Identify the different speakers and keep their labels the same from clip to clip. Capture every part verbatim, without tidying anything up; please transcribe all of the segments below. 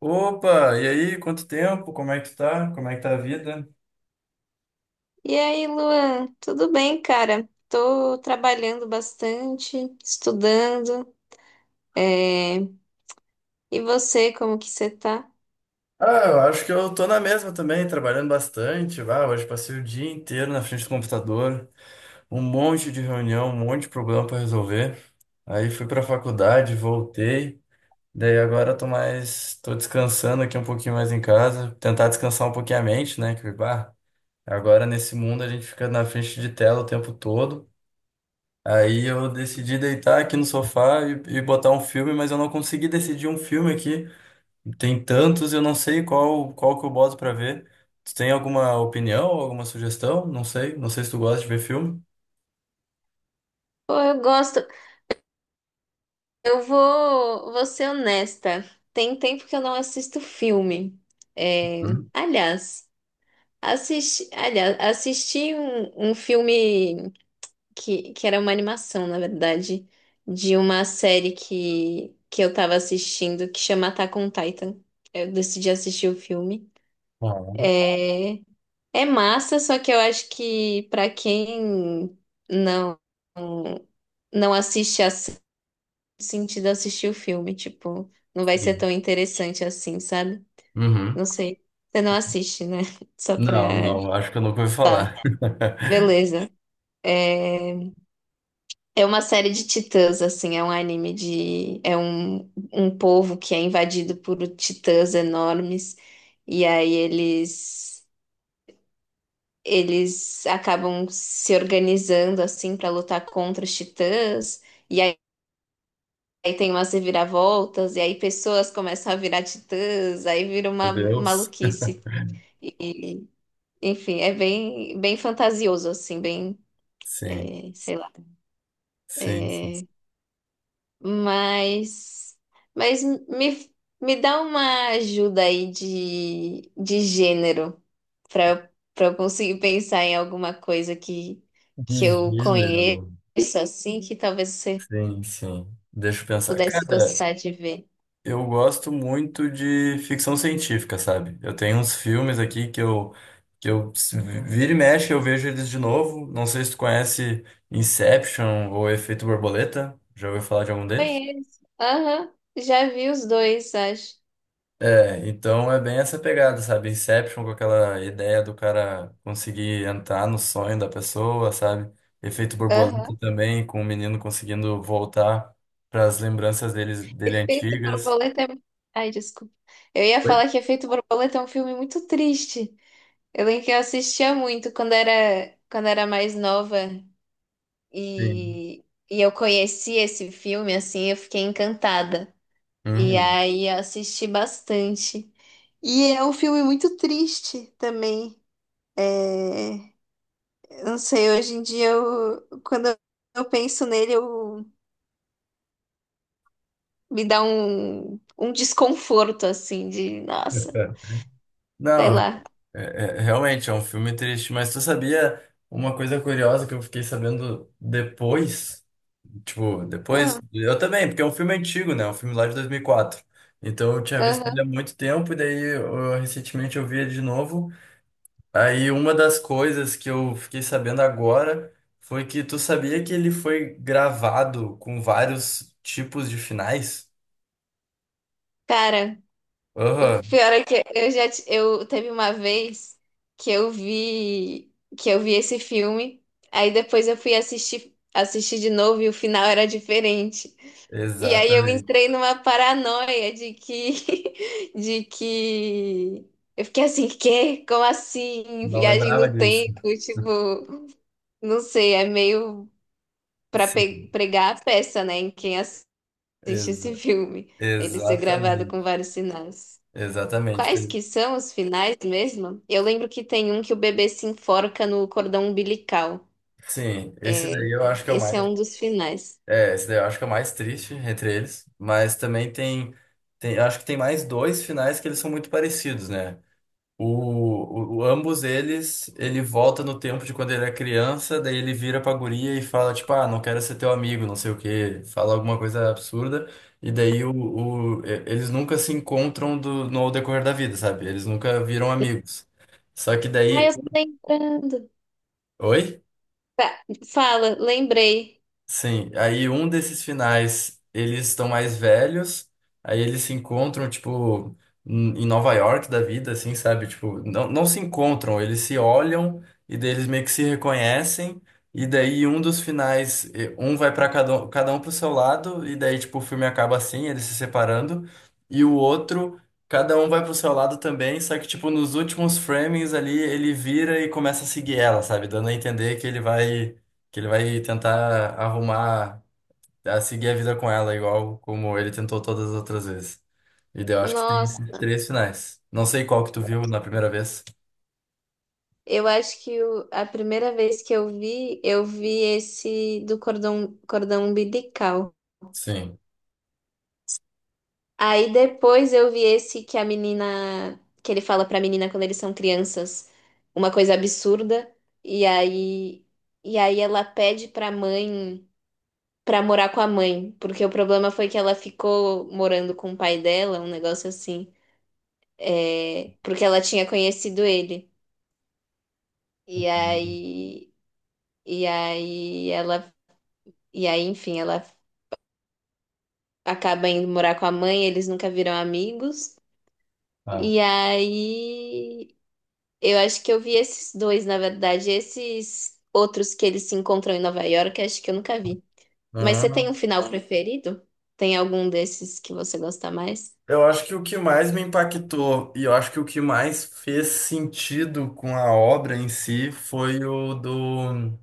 Speaker 1: Opa, e aí, quanto tempo? Como é que tu tá? Como é que tá a vida?
Speaker 2: E aí, Luan, tudo bem, cara? Tô trabalhando bastante, estudando. é, E você, como que você tá?
Speaker 1: Ah, eu acho que eu tô na mesma também, trabalhando bastante. Ah, hoje passei o dia inteiro na frente do computador, um monte de reunião, um monte de problema para resolver. Aí fui pra faculdade, voltei. Daí agora eu tô mais, tô descansando aqui um pouquinho mais em casa, tentar descansar um pouquinho a mente, né? Que, bah, agora nesse mundo a gente fica na frente de tela o tempo todo. Aí eu decidi deitar aqui no sofá e, e botar um filme, mas eu não consegui decidir um filme aqui. Tem tantos, eu não sei qual qual que eu boto pra ver. Tu tem alguma opinião, alguma sugestão? Não sei, não sei se tu gosta de ver filme.
Speaker 2: Pô, eu gosto. Eu vou, vou ser honesta. Tem tempo que eu não assisto filme. É,
Speaker 1: Hum?
Speaker 2: Aliás, assisti, aliás, assisti um, um filme que, que era uma animação, na verdade, de uma série que, que eu tava assistindo que chama Attack on Titan. Eu decidi assistir o filme.
Speaker 1: Ah,
Speaker 2: É, é massa, só que eu acho que pra quem não não assiste a sentido assistir o filme, tipo, não vai ser
Speaker 1: sim.
Speaker 2: tão interessante assim, sabe?
Speaker 1: Uhum.
Speaker 2: Não sei. Você não assiste, né? Só pra.
Speaker 1: Não, não, acho que eu nunca ouvi
Speaker 2: Tá,
Speaker 1: falar.
Speaker 2: beleza. É, é uma série de titãs, assim, é um anime de. É um, um povo que é invadido por titãs enormes, e aí eles. Eles acabam se organizando assim para lutar contra os titãs, e aí, aí tem umas reviravoltas, e aí pessoas começam a virar titãs, aí vira
Speaker 1: Meu
Speaker 2: uma
Speaker 1: Deus.
Speaker 2: maluquice. E, enfim, é bem, bem fantasioso, assim, bem,
Speaker 1: Sim,
Speaker 2: eh, sei lá.
Speaker 1: sim, sim.
Speaker 2: Mas, mas me, me dá uma ajuda aí de, de gênero para eu, para eu conseguir pensar em alguma coisa que,
Speaker 1: De
Speaker 2: que eu conheço
Speaker 1: gênero.
Speaker 2: assim, que talvez você
Speaker 1: Sim, sim. Deixa eu pensar.
Speaker 2: pudesse
Speaker 1: Cara,
Speaker 2: gostar de ver.
Speaker 1: eu gosto muito de ficção científica, sabe? Eu tenho uns filmes aqui que eu, que eu se vira e mexe, eu vejo eles de novo. Não sei se tu conhece Inception ou Efeito Borboleta. Já ouviu falar de algum deles?
Speaker 2: Conheço. Aham, já vi os dois, acho.
Speaker 1: É, então é bem essa pegada, sabe? Inception com aquela ideia do cara conseguir entrar no sonho da pessoa, sabe? Efeito borboleta
Speaker 2: Aham.
Speaker 1: também, com o menino conseguindo voltar para as lembranças deles, dele
Speaker 2: Efeito
Speaker 1: antigas.
Speaker 2: Borboleta é... Ai, desculpa. Eu ia
Speaker 1: Oi?
Speaker 2: falar que Efeito Borboleta é um filme muito triste. Eu lembro que eu assistia muito quando era, quando era mais nova.
Speaker 1: Sim.
Speaker 2: E, e eu conheci esse filme, assim, eu fiquei encantada. E
Speaker 1: Uhum.
Speaker 2: aí eu assisti bastante. E é um filme muito triste também. É, eu não sei, hoje em dia, eu, quando eu penso nele, eu, me dá um, um desconforto, assim, de, nossa, sei
Speaker 1: Não,
Speaker 2: lá.
Speaker 1: É- é- realmente, é um filme triste, mas tu sabia uma coisa curiosa que eu fiquei sabendo depois? Tipo, depois,
Speaker 2: Ah,
Speaker 1: eu também, porque é um filme antigo, né? É um filme lá de dois mil e quatro. Então eu tinha visto ele há
Speaker 2: aham.
Speaker 1: muito tempo, e daí eu, recentemente eu vi ele de novo. Aí uma das coisas que eu fiquei sabendo agora foi que tu sabia que ele foi gravado com vários tipos de finais?
Speaker 2: Cara. O
Speaker 1: Aham,
Speaker 2: pior é que eu já ti- eu teve uma vez que eu vi que eu vi esse filme, aí depois eu fui assistir assistir de novo e o final era diferente. E aí eu
Speaker 1: exatamente.
Speaker 2: entrei numa paranoia de que de que eu fiquei assim, quê? Como assim?
Speaker 1: Não
Speaker 2: Viagem
Speaker 1: lembrava
Speaker 2: no
Speaker 1: disso.
Speaker 2: tempo, tipo, não sei, é meio para
Speaker 1: Sim,
Speaker 2: pregar a peça, né, em quem assiste esse filme, ele ser gravado com
Speaker 1: exatamente.
Speaker 2: vários sinais.
Speaker 1: Exatamente.
Speaker 2: Quais
Speaker 1: Pe-
Speaker 2: que são os finais mesmo? Eu lembro que tem um que o bebê se enforca no cordão umbilical.
Speaker 1: Sim, esse daí eu acho que é o
Speaker 2: Esse é
Speaker 1: mais.
Speaker 2: um dos finais.
Speaker 1: É, esse daí eu acho que é o mais triste entre eles. Mas também tem, tem. eu acho que tem mais dois finais que eles são muito parecidos, né? O, o, o- ambos eles, ele volta no tempo de quando ele era criança, daí ele vira pra guria e fala, tipo, ah, não quero ser teu amigo, não sei o quê. Fala alguma coisa absurda. E daí o, o- e- Eles nunca se encontram do, no decorrer da vida, sabe? Eles nunca viram amigos. Só que
Speaker 2: Ah, eu
Speaker 1: daí.
Speaker 2: tô lembrando.
Speaker 1: Oi?
Speaker 2: Tá, fala, lembrei.
Speaker 1: Sim, aí um desses finais eles estão mais velhos, aí eles se encontram, tipo, em em Nova York da vida, assim, sabe? Tipo, não, não se encontram, eles se olham e daí eles meio que se reconhecem, e daí um dos finais, eh, um vai para cada um, cada um pro seu lado, e daí, tipo, o filme acaba assim, eles se separando, e o outro, cada um vai pro seu lado também, só que, tipo, nos últimos framings ali, ele vira e começa a seguir ela, sabe? Dando a entender que ele vai. Que ele vai tentar arrumar, a seguir a vida com ela, igual como ele tentou todas as outras vezes. E daí eu acho que tem esses
Speaker 2: Nossa,
Speaker 1: três finais. Não sei qual que tu viu na primeira vez.
Speaker 2: eu acho que o- a primeira vez que eu vi, eu vi esse do cordão, cordão umbilical.
Speaker 1: Sim.
Speaker 2: Aí depois eu vi esse que a menina, que ele fala pra menina quando eles são crianças, uma coisa absurda. E aí, e aí ela pede pra mãe. Pra morar com a mãe, porque o problema foi que ela ficou morando com o pai dela, um negócio assim, é, porque ela tinha conhecido ele. E aí, e aí ela, e aí, enfim, ela acaba indo morar com a mãe, eles nunca viram amigos.
Speaker 1: Ah.
Speaker 2: E aí, eu acho que eu vi esses dois, na verdade, esses outros que eles se encontram em Nova York, acho que eu nunca vi. Mas você tem um
Speaker 1: Hum.
Speaker 2: final Ah, preferido? Tem algum desses que você gosta mais?
Speaker 1: Eu acho que o que mais me impactou e eu acho que o que mais fez sentido com a obra em si foi o do,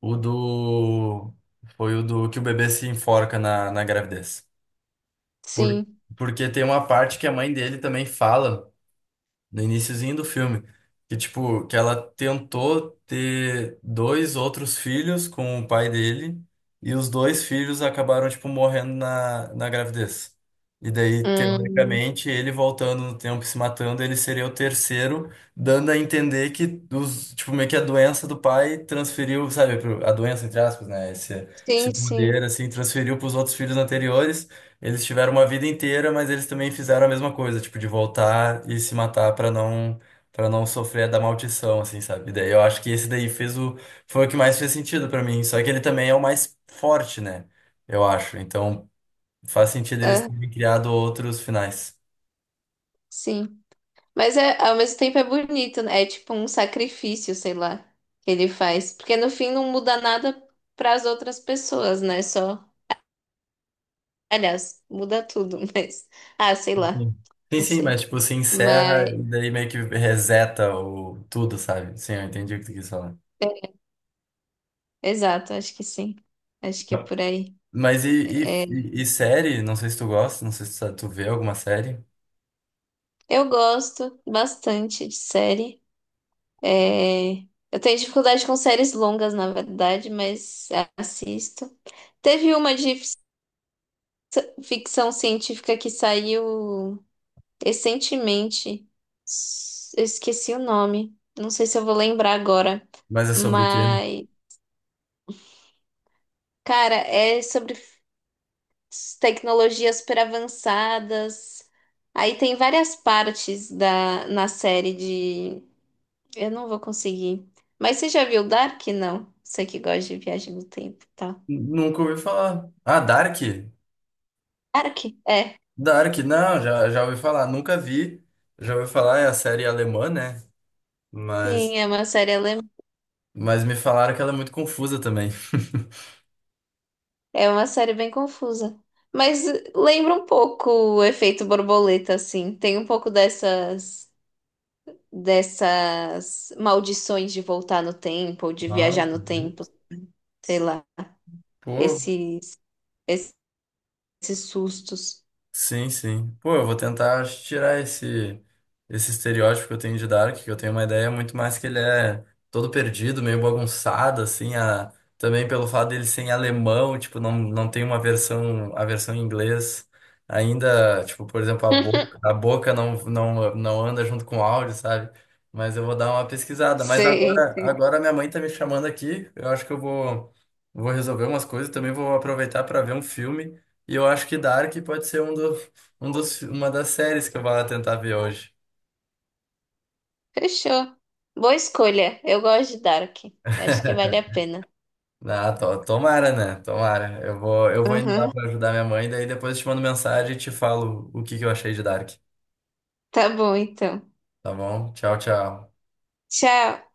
Speaker 1: o do, foi o do que o bebê se enforca na, na gravidez. Por,
Speaker 2: Sim.
Speaker 1: Porque tem uma parte que a mãe dele também fala no iniciozinho do filme, que tipo, que ela tentou ter dois outros filhos com o pai dele, e os dois filhos acabaram tipo morrendo na, na gravidez. E daí,
Speaker 2: Hum.
Speaker 1: teoricamente, ele voltando no tempo e se matando, ele seria o terceiro, dando a entender que os, tipo, meio que a doença do pai transferiu, sabe, pro- a doença, entre aspas, né? Esse, esse
Speaker 2: Sim, sim.
Speaker 1: poder, assim, transferiu para os outros filhos anteriores. Eles tiveram uma vida inteira, mas eles também fizeram a mesma coisa, tipo, de voltar e se matar pra não para não sofrer da maldição, assim, sabe? Daí eu acho que esse daí fez o foi o que mais fez sentido pra mim, só que ele também é o mais forte, né? Eu acho. Então, faz sentido eles
Speaker 2: Ah,
Speaker 1: terem criado outros finais.
Speaker 2: sim. Mas é, ao mesmo tempo é bonito, né? É tipo um sacrifício, sei lá, que ele faz. Porque no fim não muda nada para as outras pessoas, né? Só. Aliás, muda tudo, mas. Ah, sei lá.
Speaker 1: Sim, sim,
Speaker 2: Não
Speaker 1: sim, mas
Speaker 2: sei.
Speaker 1: tipo, se encerra
Speaker 2: Mas.
Speaker 1: e daí meio que reseta o tudo, sabe? Sim, eu entendi o que tu quis falar.
Speaker 2: Exato, acho que sim. Acho que é por aí.
Speaker 1: Mas e, e, e série? Não sei se tu gosta, não sei se tu tu vê alguma série,
Speaker 2: Eu gosto bastante de série. É... Eu tenho dificuldade com séries longas, na verdade, mas assisto. Teve uma de ficção científica que saiu recentemente. S- Eu esqueci o nome. Não sei se eu vou lembrar agora.
Speaker 1: mas é sobre o quê?
Speaker 2: Mas, cara, é sobre s- tecnologias super avançadas. Aí tem várias partes da, na série de. Eu não vou conseguir. Mas você já viu Dark? Não. Você que gosta de viagem no tempo, tá?
Speaker 1: Nunca ouvi falar. Ah, Dark?
Speaker 2: Dark? É.
Speaker 1: Dark, não, já, já ouvi falar. Nunca vi. Já ouvi falar, é a série alemã, né? Mas,
Speaker 2: Sim, é uma série alemã.
Speaker 1: mas me falaram que ela é muito confusa também.
Speaker 2: É uma série bem confusa. Mas eh, lembra um pouco o efeito borboleta, assim. Tem um pouco dessas, dessas maldições de voltar no tempo, ou de viajar
Speaker 1: Nossa,
Speaker 2: no tempo, sei lá.
Speaker 1: pô,
Speaker 2: Esses, esses sustos.
Speaker 1: sim, sim. Pô, eu vou tentar tirar esse, esse estereótipo que eu tenho de Dark, que eu tenho uma ideia muito mais que ele é todo perdido, meio bagunçado, assim, a, também pelo fato dele ser em alemão, tipo, não, não tem uma versão, a versão em inglês ainda, tipo, por exemplo, a boca, a boca não, não, não anda junto com o áudio, sabe? Mas eu vou dar uma pesquisada. Mas
Speaker 2: Sim.
Speaker 1: agora, agora minha mãe tá me chamando aqui, eu acho que eu vou, vou resolver umas coisas, também vou aproveitar para ver um filme. E eu acho que Dark pode ser um do, um dos, uma das séries que eu vou lá tentar ver hoje.
Speaker 2: Fechou. Boa escolha. Eu gosto de Dark. Acho que vale a pena.
Speaker 1: Ah, to- tomara, né? Tomara. Eu vou, eu vou indo lá
Speaker 2: Uhum.
Speaker 1: pra ajudar minha mãe, daí depois eu te mando mensagem e te falo o que que eu achei de Dark.
Speaker 2: Tá bom, então.
Speaker 1: Tá bom? Tchau, tchau.
Speaker 2: Tchau.